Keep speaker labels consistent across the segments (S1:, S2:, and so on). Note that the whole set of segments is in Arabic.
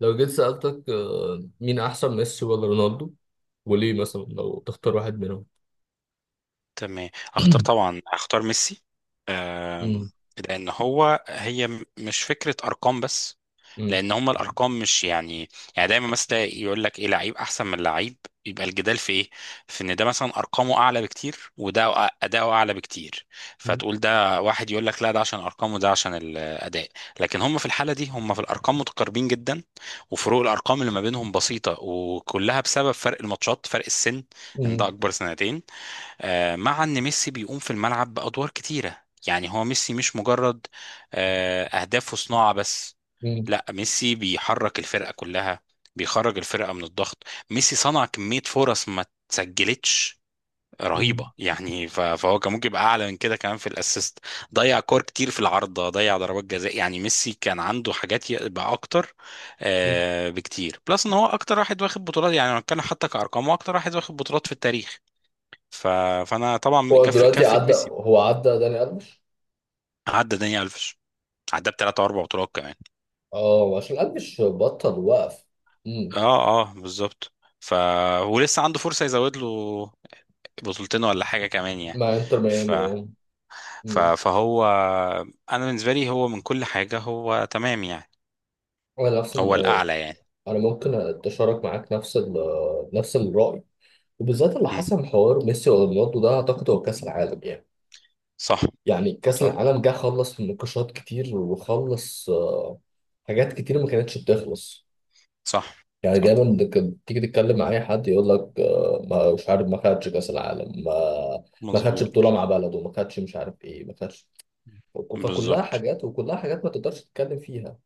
S1: لو جيت سألتك مين أحسن ميسي ولا رونالدو؟ وليه مثلا لو تختار واحد منهم؟
S2: تمام. اختار طبعا اختار ميسي. آم،
S1: مم.
S2: لان هي مش فكره ارقام بس.
S1: مم.
S2: لان هما الارقام مش يعني دايما مثلا تلاقي يقول لك ايه لعيب احسن من لعيب. يبقى الجدال في ايه؟ في ان ده مثلا ارقامه اعلى بكتير وده اداؤه اعلى بكتير.
S1: مم.
S2: فتقول ده واحد يقول لك لا، ده عشان ارقامه وده عشان الاداء. لكن هما في الحاله دي هما في الارقام متقاربين جدا، وفروق الارقام اللي ما بينهم بسيطه، وكلها بسبب فرق الماتشات، فرق السن، ان ده
S1: مم.
S2: اكبر سنتين. مع ان ميسي بيقوم في الملعب بادوار كتيره، يعني هو ميسي مش مجرد اهداف وصناعه بس.
S1: مم.
S2: لا، ميسي بيحرك الفرقه كلها، بيخرج الفرقه من الضغط. ميسي صنع كميه فرص ما تسجلتش رهيبه،
S1: مم.
S2: يعني فهو كان ممكن يبقى اعلى من كده كمان في الاسيست. ضيع كور كتير في العارضه، ضيع ضربات جزاء، يعني ميسي كان عنده حاجات يبقى اكتر بكتير. بلس ان هو اكتر واحد واخد بطولات، يعني لو هنتكلم حتى كارقام هو اكتر واحد واخد بطولات في التاريخ. ف... فانا طبعا
S1: هو دلوقتي
S2: كفه
S1: عدى،
S2: ميسي.
S1: هو عدى داني ألفيش.
S2: عدى داني الفيش، عدى بثلاث اربع بطولات كمان.
S1: اه، عشان ألفيش بطل وقف. مم.
S2: اه، اه، بالظبط. ف ولسه عنده فرصه يزود له بطولتين ولا حاجه كمان يعني.
S1: مع انتر
S2: ف...
S1: ميامي، اه. مم.
S2: فهو انا بالنسبه لي هو من كل حاجه هو تمام يعني،
S1: انا نفس ال...
S2: هو
S1: آه،
S2: الاعلى يعني.
S1: انا ممكن اتشارك معاك نفس ال... آه، نفس الرأي. وبالذات اللي
S2: مم.
S1: حصل حوار ميسي ورونالدو، ده اعتقد هو كأس العالم يعني.
S2: صح،
S1: يعني كأس
S2: صح،
S1: العالم جه خلص نقاشات كتير، وخلص آه، حاجات كتير ما كانتش بتخلص.
S2: صح،
S1: يعني
S2: صح.
S1: دايما كنت تيجي تتكلم مع اي حد يقول لك ما مش عارف، ما خدش كأس العالم، ما ما خدش
S2: مظبوط.
S1: بطولة مع بلده، ما خدش مش عارف ايه، ما خدش. فكلها
S2: بالظبط.
S1: حاجات وكلها حاجات ما تقدرش تتكلم فيها.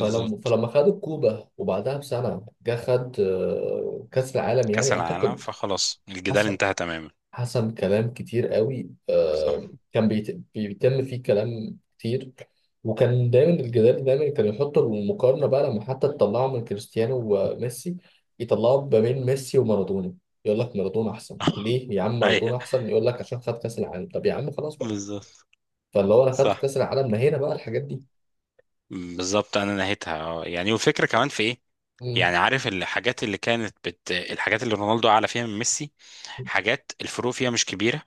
S1: فلما فلما خد الكوبا، وبعدها بسنة جه خد كأس العالم،
S2: كاس
S1: يعني
S2: العالم،
S1: أعتقد.
S2: فخلاص الجدال
S1: حاسس،
S2: انتهى تماما.
S1: حسب كلام كتير قوي،
S2: صح.
S1: كان بيتم فيه كلام كتير. وكان دايما الجدال، دايما كان يحط المقارنة بقى لما حتى تطلعه من كريستيانو وميسي، يطلعوا ما بين ميسي ومارادونا. يقول لك مارادونا احسن ليه؟ يا عم
S2: ايوه،
S1: مارادونا احسن، يقول لك عشان خد كاس العالم. طب يا عم خلاص بقى.
S2: بالظبط.
S1: فاللي هو انا خدت
S2: صح.
S1: كاس العالم، ما هنا بقى الحاجات دي.
S2: بالظبط. انا نهيتها اه يعني، والفكره كمان في ايه،
S1: مم.
S2: يعني عارف الحاجات اللي كانت الحاجات اللي رونالدو اعلى فيها من ميسي، حاجات الفروق فيها مش كبيره.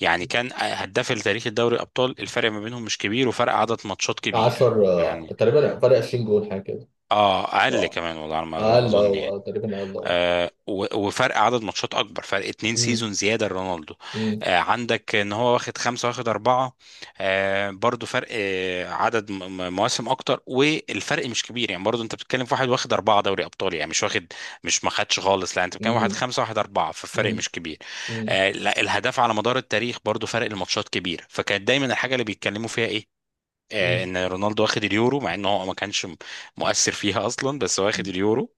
S2: يعني كان هداف التاريخ، الدوري الابطال، الفرق ما بينهم مش كبير، وفرق عدد ماتشات كبير
S1: 10
S2: يعني.
S1: تقريبا، فرق 20 جول حاجه كده.
S2: اه، اقل
S1: آه،
S2: كمان والله على ما
S1: اقل،
S2: اظن
S1: اه،
S2: يعني.
S1: تقريبا اقل، اه.
S2: وفرق عدد ماتشات اكبر، فرق اتنين
S1: مم،
S2: سيزون زياده لرونالدو.
S1: مم،
S2: عندك ان هو واخد خمسه واخد اربعه. برضو فرق عدد مواسم اكتر، والفرق مش كبير يعني. برضو انت بتتكلم في واحد واخد اربعه دوري ابطال يعني، مش واخد، مش ما خدش خالص، لا انت بتتكلم واحد
S1: مم،
S2: خمسه واحد اربعه، فالفرق مش كبير.
S1: مم،
S2: لا، الهداف على مدار التاريخ برضو فرق الماتشات كبير، فكانت دايما الحاجه اللي بيتكلموا فيها ايه؟
S1: مم،
S2: ان رونالدو واخد اليورو، مع انه هو ما كانش مؤثر فيها اصلا، بس هو واخد اليورو،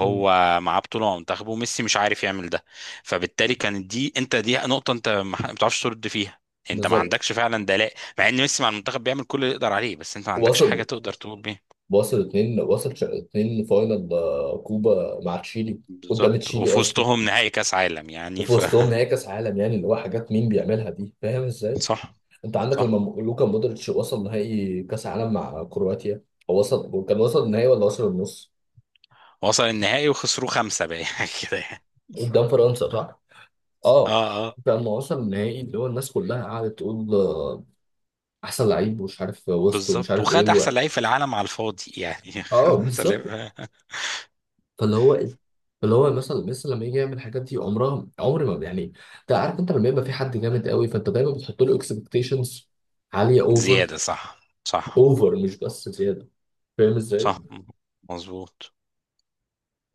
S1: مم.
S2: معاه بطوله مع منتخبه، وميسي مش عارف يعمل ده. فبالتالي كانت دي انت دي نقطه انت ما بتعرفش ترد فيها، انت ما
S1: بالظبط.
S2: عندكش فعلا دلاء، مع ان ميسي مع المنتخب بيعمل كل اللي يقدر عليه، بس انت ما عندكش حاجه
S1: وصل
S2: تقدر تقول بيها.
S1: وصل اتنين، وصل اتنين فاينل كوبا مع تشيلي. قدام
S2: بالظبط،
S1: تشيلي
S2: وفي
S1: قصدي.
S2: وسطهم نهائي كاس عالم يعني.
S1: وفي وسطهم نهائي كاس عالم يعني، اللي هو حاجات مين بيعملها دي، فاهم ازاي؟
S2: صح.
S1: انت عندك لما
S2: صح.
S1: لوكا مودريتش وصل نهائي كاس عالم مع كرواتيا. هو وصل، وكان وصل النهائي ولا وصل النص؟
S2: وصل النهائي وخسروه خمسه بقى يعني كده يعني.
S1: قدام فرنسا صح؟ اه.
S2: اه، اه،
S1: كان وصل النهائي، اللي هو الناس كلها قعدت تقول، احسن لعيب ومش عارف وسط ومش
S2: بالظبط.
S1: عارف ايه.
S2: وخد احسن
S1: و...
S2: لعيب في العالم على الفاضي يعني. خد
S1: اه،
S2: احسن
S1: بالظبط.
S2: لعيب.
S1: فاللي هو، اللي هو مثلا لما يجي يعمل الحاجات دي، عمرها عمر ما يعني. انت عارف، انت لما يبقى في حد جامد قوي، فانت دايما بتحط له اكسبكتيشنز عاليه اوفر،
S2: زيادة، صح. صح.
S1: اوفر مش بس زياده. فاهم ازاي؟
S2: صح. مظبوط.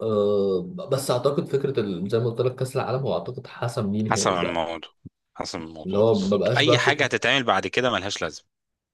S1: أه. بس اعتقد فكره زي ما قلت لك كاس العالم هو اعتقد حسم ليه
S2: حسب
S1: نهائي بقى.
S2: الموضوع. حسب
S1: اللي
S2: الموضوع
S1: هو ما
S2: بالظبط.
S1: بقاش
S2: أي
S1: بقى
S2: حاجة
S1: فكره.
S2: هتتعمل بعد كده ملهاش لازمة.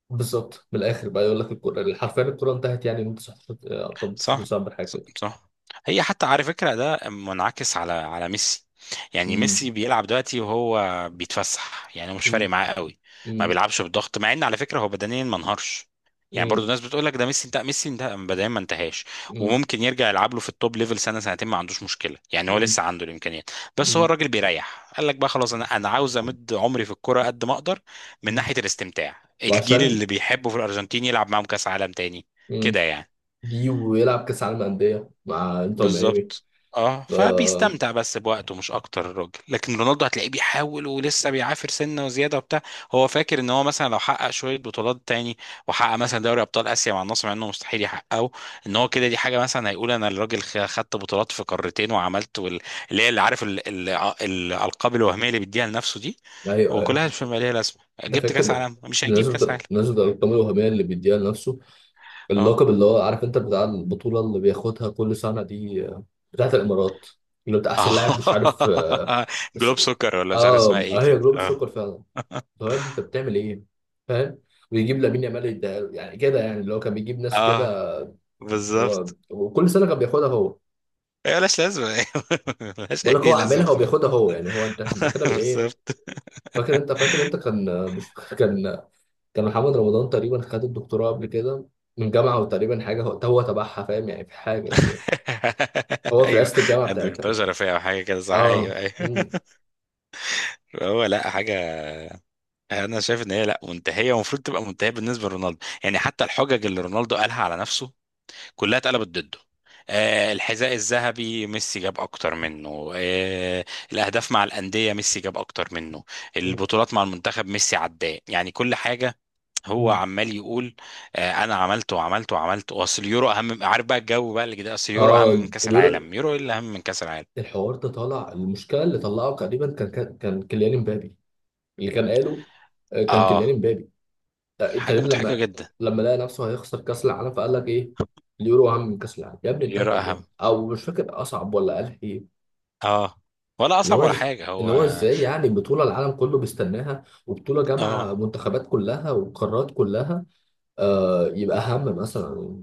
S1: بالظبط، من الاخر بقى، يقول لك الكره حرفيا، الكره انتهت، يعني من 19 18
S2: صح،
S1: ديسمبر حاجه
S2: ص-
S1: كده.
S2: صح هي حتى على فكرة ده منعكس على ميسي. يعني
S1: امم.
S2: ميسي بيلعب دلوقتي وهو بيتفسح، يعني هو مش
S1: امم.
S2: فارق معاه قوي، ما
S1: امم.
S2: بيلعبش بالضغط، مع ان على فكرة هو بدنيا ما انهارش. يعني برضو الناس بتقول لك ده ميسي انتهى، ميسي انتهى، بدنيا ما انتهاش.
S1: امم.
S2: وممكن يرجع يلعب له في التوب ليفل سنة سنتين، ما عندوش مشكلة، يعني هو
S1: امم.
S2: لسه عنده الامكانيات. بس هو الراجل بيريح، قال لك بقى خلاص، انا عاوز امد عمري في الكرة قد ما اقدر، من
S1: امم.
S2: ناحية الاستمتاع، الجيل
S1: وعشان
S2: اللي بيحبه في الارجنتين يلعب معاهم كاس عالم تاني كده يعني.
S1: دي ويلعب كاس عالم انديه مع انتر ميامي.
S2: بالظبط. اه،
S1: ف
S2: فبيستمتع بس بوقته مش اكتر الراجل. لكن رونالدو هتلاقيه بيحاول ولسه بيعافر سنه وزياده وبتاع. هو فاكر ان هو مثلا لو حقق شويه بطولات تاني، وحقق مثلا دوري ابطال اسيا مع النصر، مع انه مستحيل يحققه، ان هو كده دي حاجه مثلا هيقول انا الراجل خدت بطولات في قارتين وعملت اللي هي اللي عارف الالقاب الوهميه اللي بيديها لنفسه دي،
S1: ايوه، ايوه.
S2: وكلها مش ماليه لازمه.
S1: ده
S2: جبت
S1: فاكر
S2: كاس
S1: ده.
S2: عالم؟ مش هيجيب كاس
S1: بالنسبه
S2: عالم.
S1: بالنسبه للارقام الوهميه اللي بيديها لنفسه،
S2: اه.
S1: اللقب اللي هو عارف انت بتاع البطوله اللي بياخدها كل سنه دي، بتاعت الامارات، اللي بتاع احسن لاعب مش عارف، اه.
S2: اه،
S1: اس-
S2: جلوب سكر ولا مش عارف اسمها
S1: اه،
S2: ايه
S1: هي
S2: كده،
S1: جلوبال
S2: اه.
S1: سوكر فعلا. طب يا ابني انت بتعمل ايه؟ فاهم؟ ويجيب لامين يامال يديها له. يعني كده يعني، اللي هو كان بيجيب ناس كده.
S2: اه، بالظبط.
S1: وكل سنه كان بياخدها هو.
S2: هي ملهاش لازمة، أيوة. ملهاش
S1: بقول لك هو
S2: أي لازمة
S1: عاملها
S2: خالص.
S1: وبياخدها هو، يعني هو، انت إحنا كده بالايه؟
S2: بالظبط.
S1: فاكر انت كان، مش كان. كان محمد رمضان تقريبا خد الدكتوراه قبل كده من جامعه، وتقريبا حاجه هو تبعها، فاهم يعني؟ في حاجه يعني هو في
S2: أيوه،
S1: رئاسه الجامعه
S2: الدكتور
S1: بتاعتها.
S2: شرفية أو حاجة كده، صح،
S1: اه.
S2: أيوه، أيوه.
S1: مم.
S2: هو لا حاجة. أنا شايف إن هي لا منتهية ومفروض تبقى منتهية بالنسبة لرونالدو. يعني حتى الحجج اللي رونالدو قالها على نفسه كلها اتقلبت ضده. آه، الحذاء الذهبي ميسي جاب اكتر منه، آه الاهداف مع الانديه ميسي جاب اكتر منه،
S1: مم.
S2: البطولات مع المنتخب ميسي عداه، يعني كل حاجه. هو
S1: مم.
S2: عمال يقول انا عملت وعملت وعملت، واصل اليورو اهم من-، عارف بقى الجو بقى اللي كده، اصل اليورو اهم
S1: اه،
S2: من كاس
S1: اليورو.
S2: العالم؟ يورو ايه اللي اهم من كاس العالم؟
S1: الحوار ده طالع، المشكله اللي طلعه تقريبا كان كيليان امبابي، اللي كان قاله، كان كيليان
S2: اه،
S1: امبابي
S2: حاجه
S1: تقريبا
S2: مضحكه
S1: لما
S2: جدا.
S1: لما لقى نفسه هيخسر كاس العالم، فقال لك ايه، اليورو اهم من كاس العالم. يا ابني
S2: اليورو
S1: انتهبل يا
S2: اهم،
S1: ابني؟ او مش فاكر، اصعب ولا قال ايه.
S2: اه، ولا
S1: اللي
S2: اصعب
S1: هو
S2: ولا حاجه
S1: اللي
S2: هو.
S1: هو ازاي يعني؟ بطولة العالم كله بيستناها، وبطولة جامعة
S2: اه.
S1: منتخبات كلها وقارات كلها، يبقى أهم مثلا،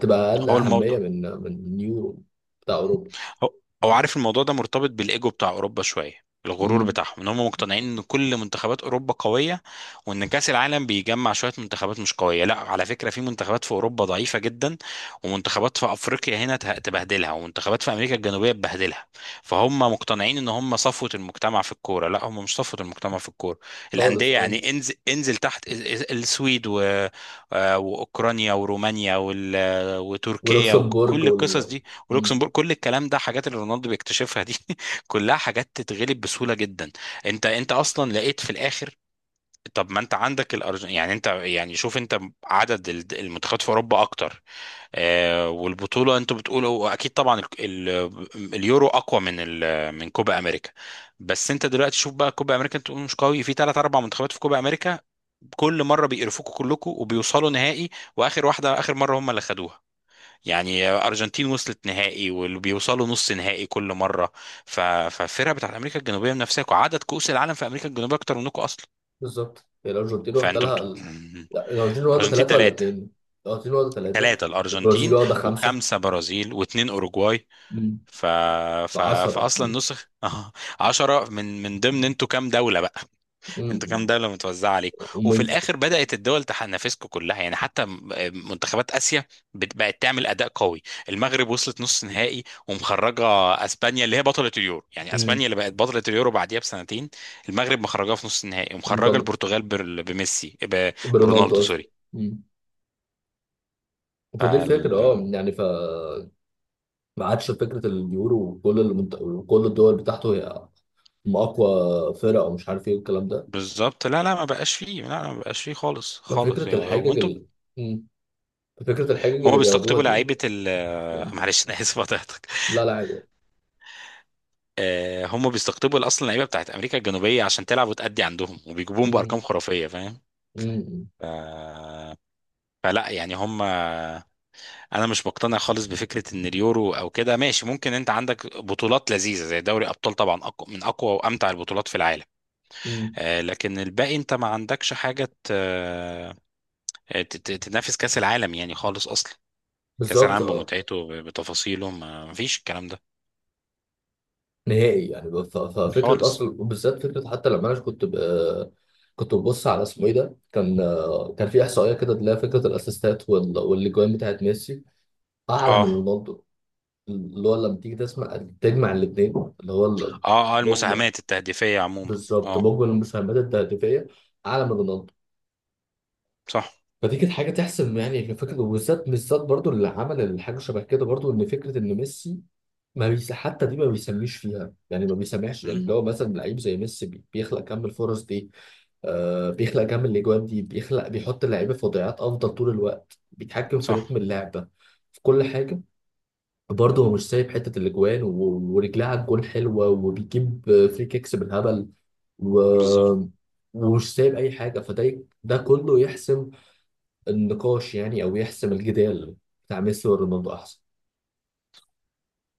S1: تبقى أقل
S2: هو
S1: أهمية
S2: الموضوع،
S1: من اليورو بتاع أوروبا.
S2: هو هو عارف الموضوع ده مرتبط بالايجو بتاع اوروبا شويه، الغرور
S1: امم.
S2: بتاعهم، ان هم مقتنعين ان كل منتخبات اوروبا قويه، وان كاس العالم بيجمع شويه منتخبات مش قويه. لا، على فكره في منتخبات في اوروبا ضعيفه جدا، ومنتخبات في افريقيا هنا تبهدلها، ومنتخبات في امريكا الجنوبيه تبهدلها. فهم مقتنعين ان هم صفوه المجتمع في الكوره. لا، هم مش صفوه المجتمع في الكوره.
S1: خالص،
S2: الانديه
S1: اه.
S2: يعني، انزل انزل تحت السويد و... واوكرانيا ورومانيا وتركيا
S1: ولوكسمبورج
S2: وكل
S1: وال...
S2: القصص دي
S1: امم.
S2: ولوكسمبورغ. كل الكلام ده حاجات اللي رونالدو بيكتشفها دي. كلها حاجات تتغلب بسهولة جدا. انت اصلا لقيت في الاخر، طب ما انت عندك الارجنتين يعني، انت يعني شوف انت عدد المنتخبات في اوروبا اكتر. آه، والبطوله انتوا بتقولوا اكيد طبعا ال ال اليورو اقوى من ال من كوبا امريكا. بس انت دلوقتي شوف بقى كوبا امريكا، انت بتقول مش قوي، في ثلاث اربع منتخبات في كوبا امريكا كل مره بيقرفوكوا كلكوا وبيوصلوا نهائي، واخر واحده اخر مره هم اللي خدوها، يعني ارجنتين وصلت نهائي واللي بيوصلوا نص نهائي كل مره. فالفرقه بتاعت امريكا الجنوبيه من نفسها، وعدد كؤوس العالم في امريكا الجنوبيه اكتر منكم اصلا.
S1: بالظبط، هي الأرجنتين واخدة
S2: فانتوا بت...
S1: لها ال... لا، الأرجنتين واخدة
S2: ارجنتين
S1: ثلاثة ولا
S2: ثلاثه.
S1: اتنين؟ الأرجنتين واخدة ثلاثة،
S2: ثلاثه
S1: البرازيل
S2: الارجنتين،
S1: واخدة خمسة.
S2: وخمسه برازيل، واثنين اوروجواي.
S1: امم.
S2: ف...
S1: في
S2: ف...
S1: 10. امم.
S2: فاصلا نسخ 10 من ضمن انتوا كام دوله بقى. انتوا كام
S1: امم.
S2: دولة متوزعة عليكم، وفي
S1: ومين؟
S2: الآخر بدأت الدول تنافسكم كلها يعني، حتى منتخبات آسيا بقت تعمل أداء قوي. المغرب وصلت نص نهائي ومخرجة أسبانيا اللي هي بطلة اليورو. يعني أسبانيا
S1: امم.
S2: اللي بقت بطلة اليورو بعديها بسنتين المغرب مخرجاها في نص النهائي، ومخرجة البرتغال بميسي
S1: برونالدو
S2: برونالدو.
S1: قصدي.
S2: سوري.
S1: مم. فدي الفكرة،
S2: فال...
S1: اه يعني، ما عادش فكرة اليورو وكل وكل الدول بتاعته، هي هم أقوى فرق أو مش عارف إيه الكلام ده.
S2: بالظبط. لا، لا، ما بقاش فيه، لا، لا، ما بقاش فيه خالص خالص،
S1: ففكرة
S2: يعني هو
S1: الحجج
S2: انتوا
S1: مم. ففكرة الحجج
S2: هما
S1: اللي بياخدوها
S2: بيستقطبوا
S1: دي.
S2: لعيبة
S1: مم.
S2: معلش أنا آسف قطعتك.
S1: لا، لا، عادي.
S2: هم بيستقطبوا اصلا اللعيبه بتاعت امريكا الجنوبيه عشان تلعب وتأدي عندهم، وبيجيبوهم
S1: مم.
S2: بارقام خرافيه، فاهم؟
S1: مم.
S2: ف... فلا يعني هم، انا مش مقتنع خالص بفكره ان اليورو او كده ماشي. ممكن انت عندك بطولات لذيذه زي دوري ابطال، طبعا أقوى من اقوى وامتع البطولات في العالم،
S1: مم.
S2: لكن الباقي انت ما عندكش حاجه ت... آه، ت- ت- تنافس كاس العالم يعني خالص اصلا. كاس
S1: بالظبط،
S2: العالم
S1: اه.
S2: بمتعته بتفاصيله ما فيش الكلام ده
S1: نهائي يعني ففكرة
S2: خالص.
S1: أصلا، وبالذات فكرة، حتى لما أنا كنت كنت ببص على اسمه إيه ده، كان، كان في إحصائية كده اللي هي فكرة الأسيستات والأجوان بتاعت ميسي أعلى من
S2: اه،
S1: رونالدو. اللي هو لما تيجي تسمع تجمع الاثنين اللي هو
S2: اه، اه.
S1: بوجبا،
S2: المساهمات التهديفيه عموما.
S1: بالظبط،
S2: اه،
S1: بوجبا المساهمات التهديفيه اعلى من رونالدو.
S2: صح،
S1: فدي كانت حاجه تحسب يعني، في فكره، وبالذات بالذات برضو اللي عمل الحاجه شبه كده، برضو ان فكره ان ميسي ما بيس حتى دي، ما بيسميش فيها يعني، ما بيسمعش يعني. اللي هو مثلا لعيب زي ميسي، بيخلق كم الفرص دي، بيخلق كم الاجوان دي، بيحط اللعيبه في وضعيات افضل طول الوقت، بيتحكم في
S2: صح،
S1: رتم اللعبه، في كل حاجه. برضه هو مش سايب حته الاجوان ورجلها على الجون حلوه، وبيجيب فري كيكس بالهبل، و...
S2: بالظبط.
S1: ومش سايب اي حاجه. فده ده كله يحسم النقاش يعني، او يحسم الجدال بتاع ميسي ورونالدو احسن.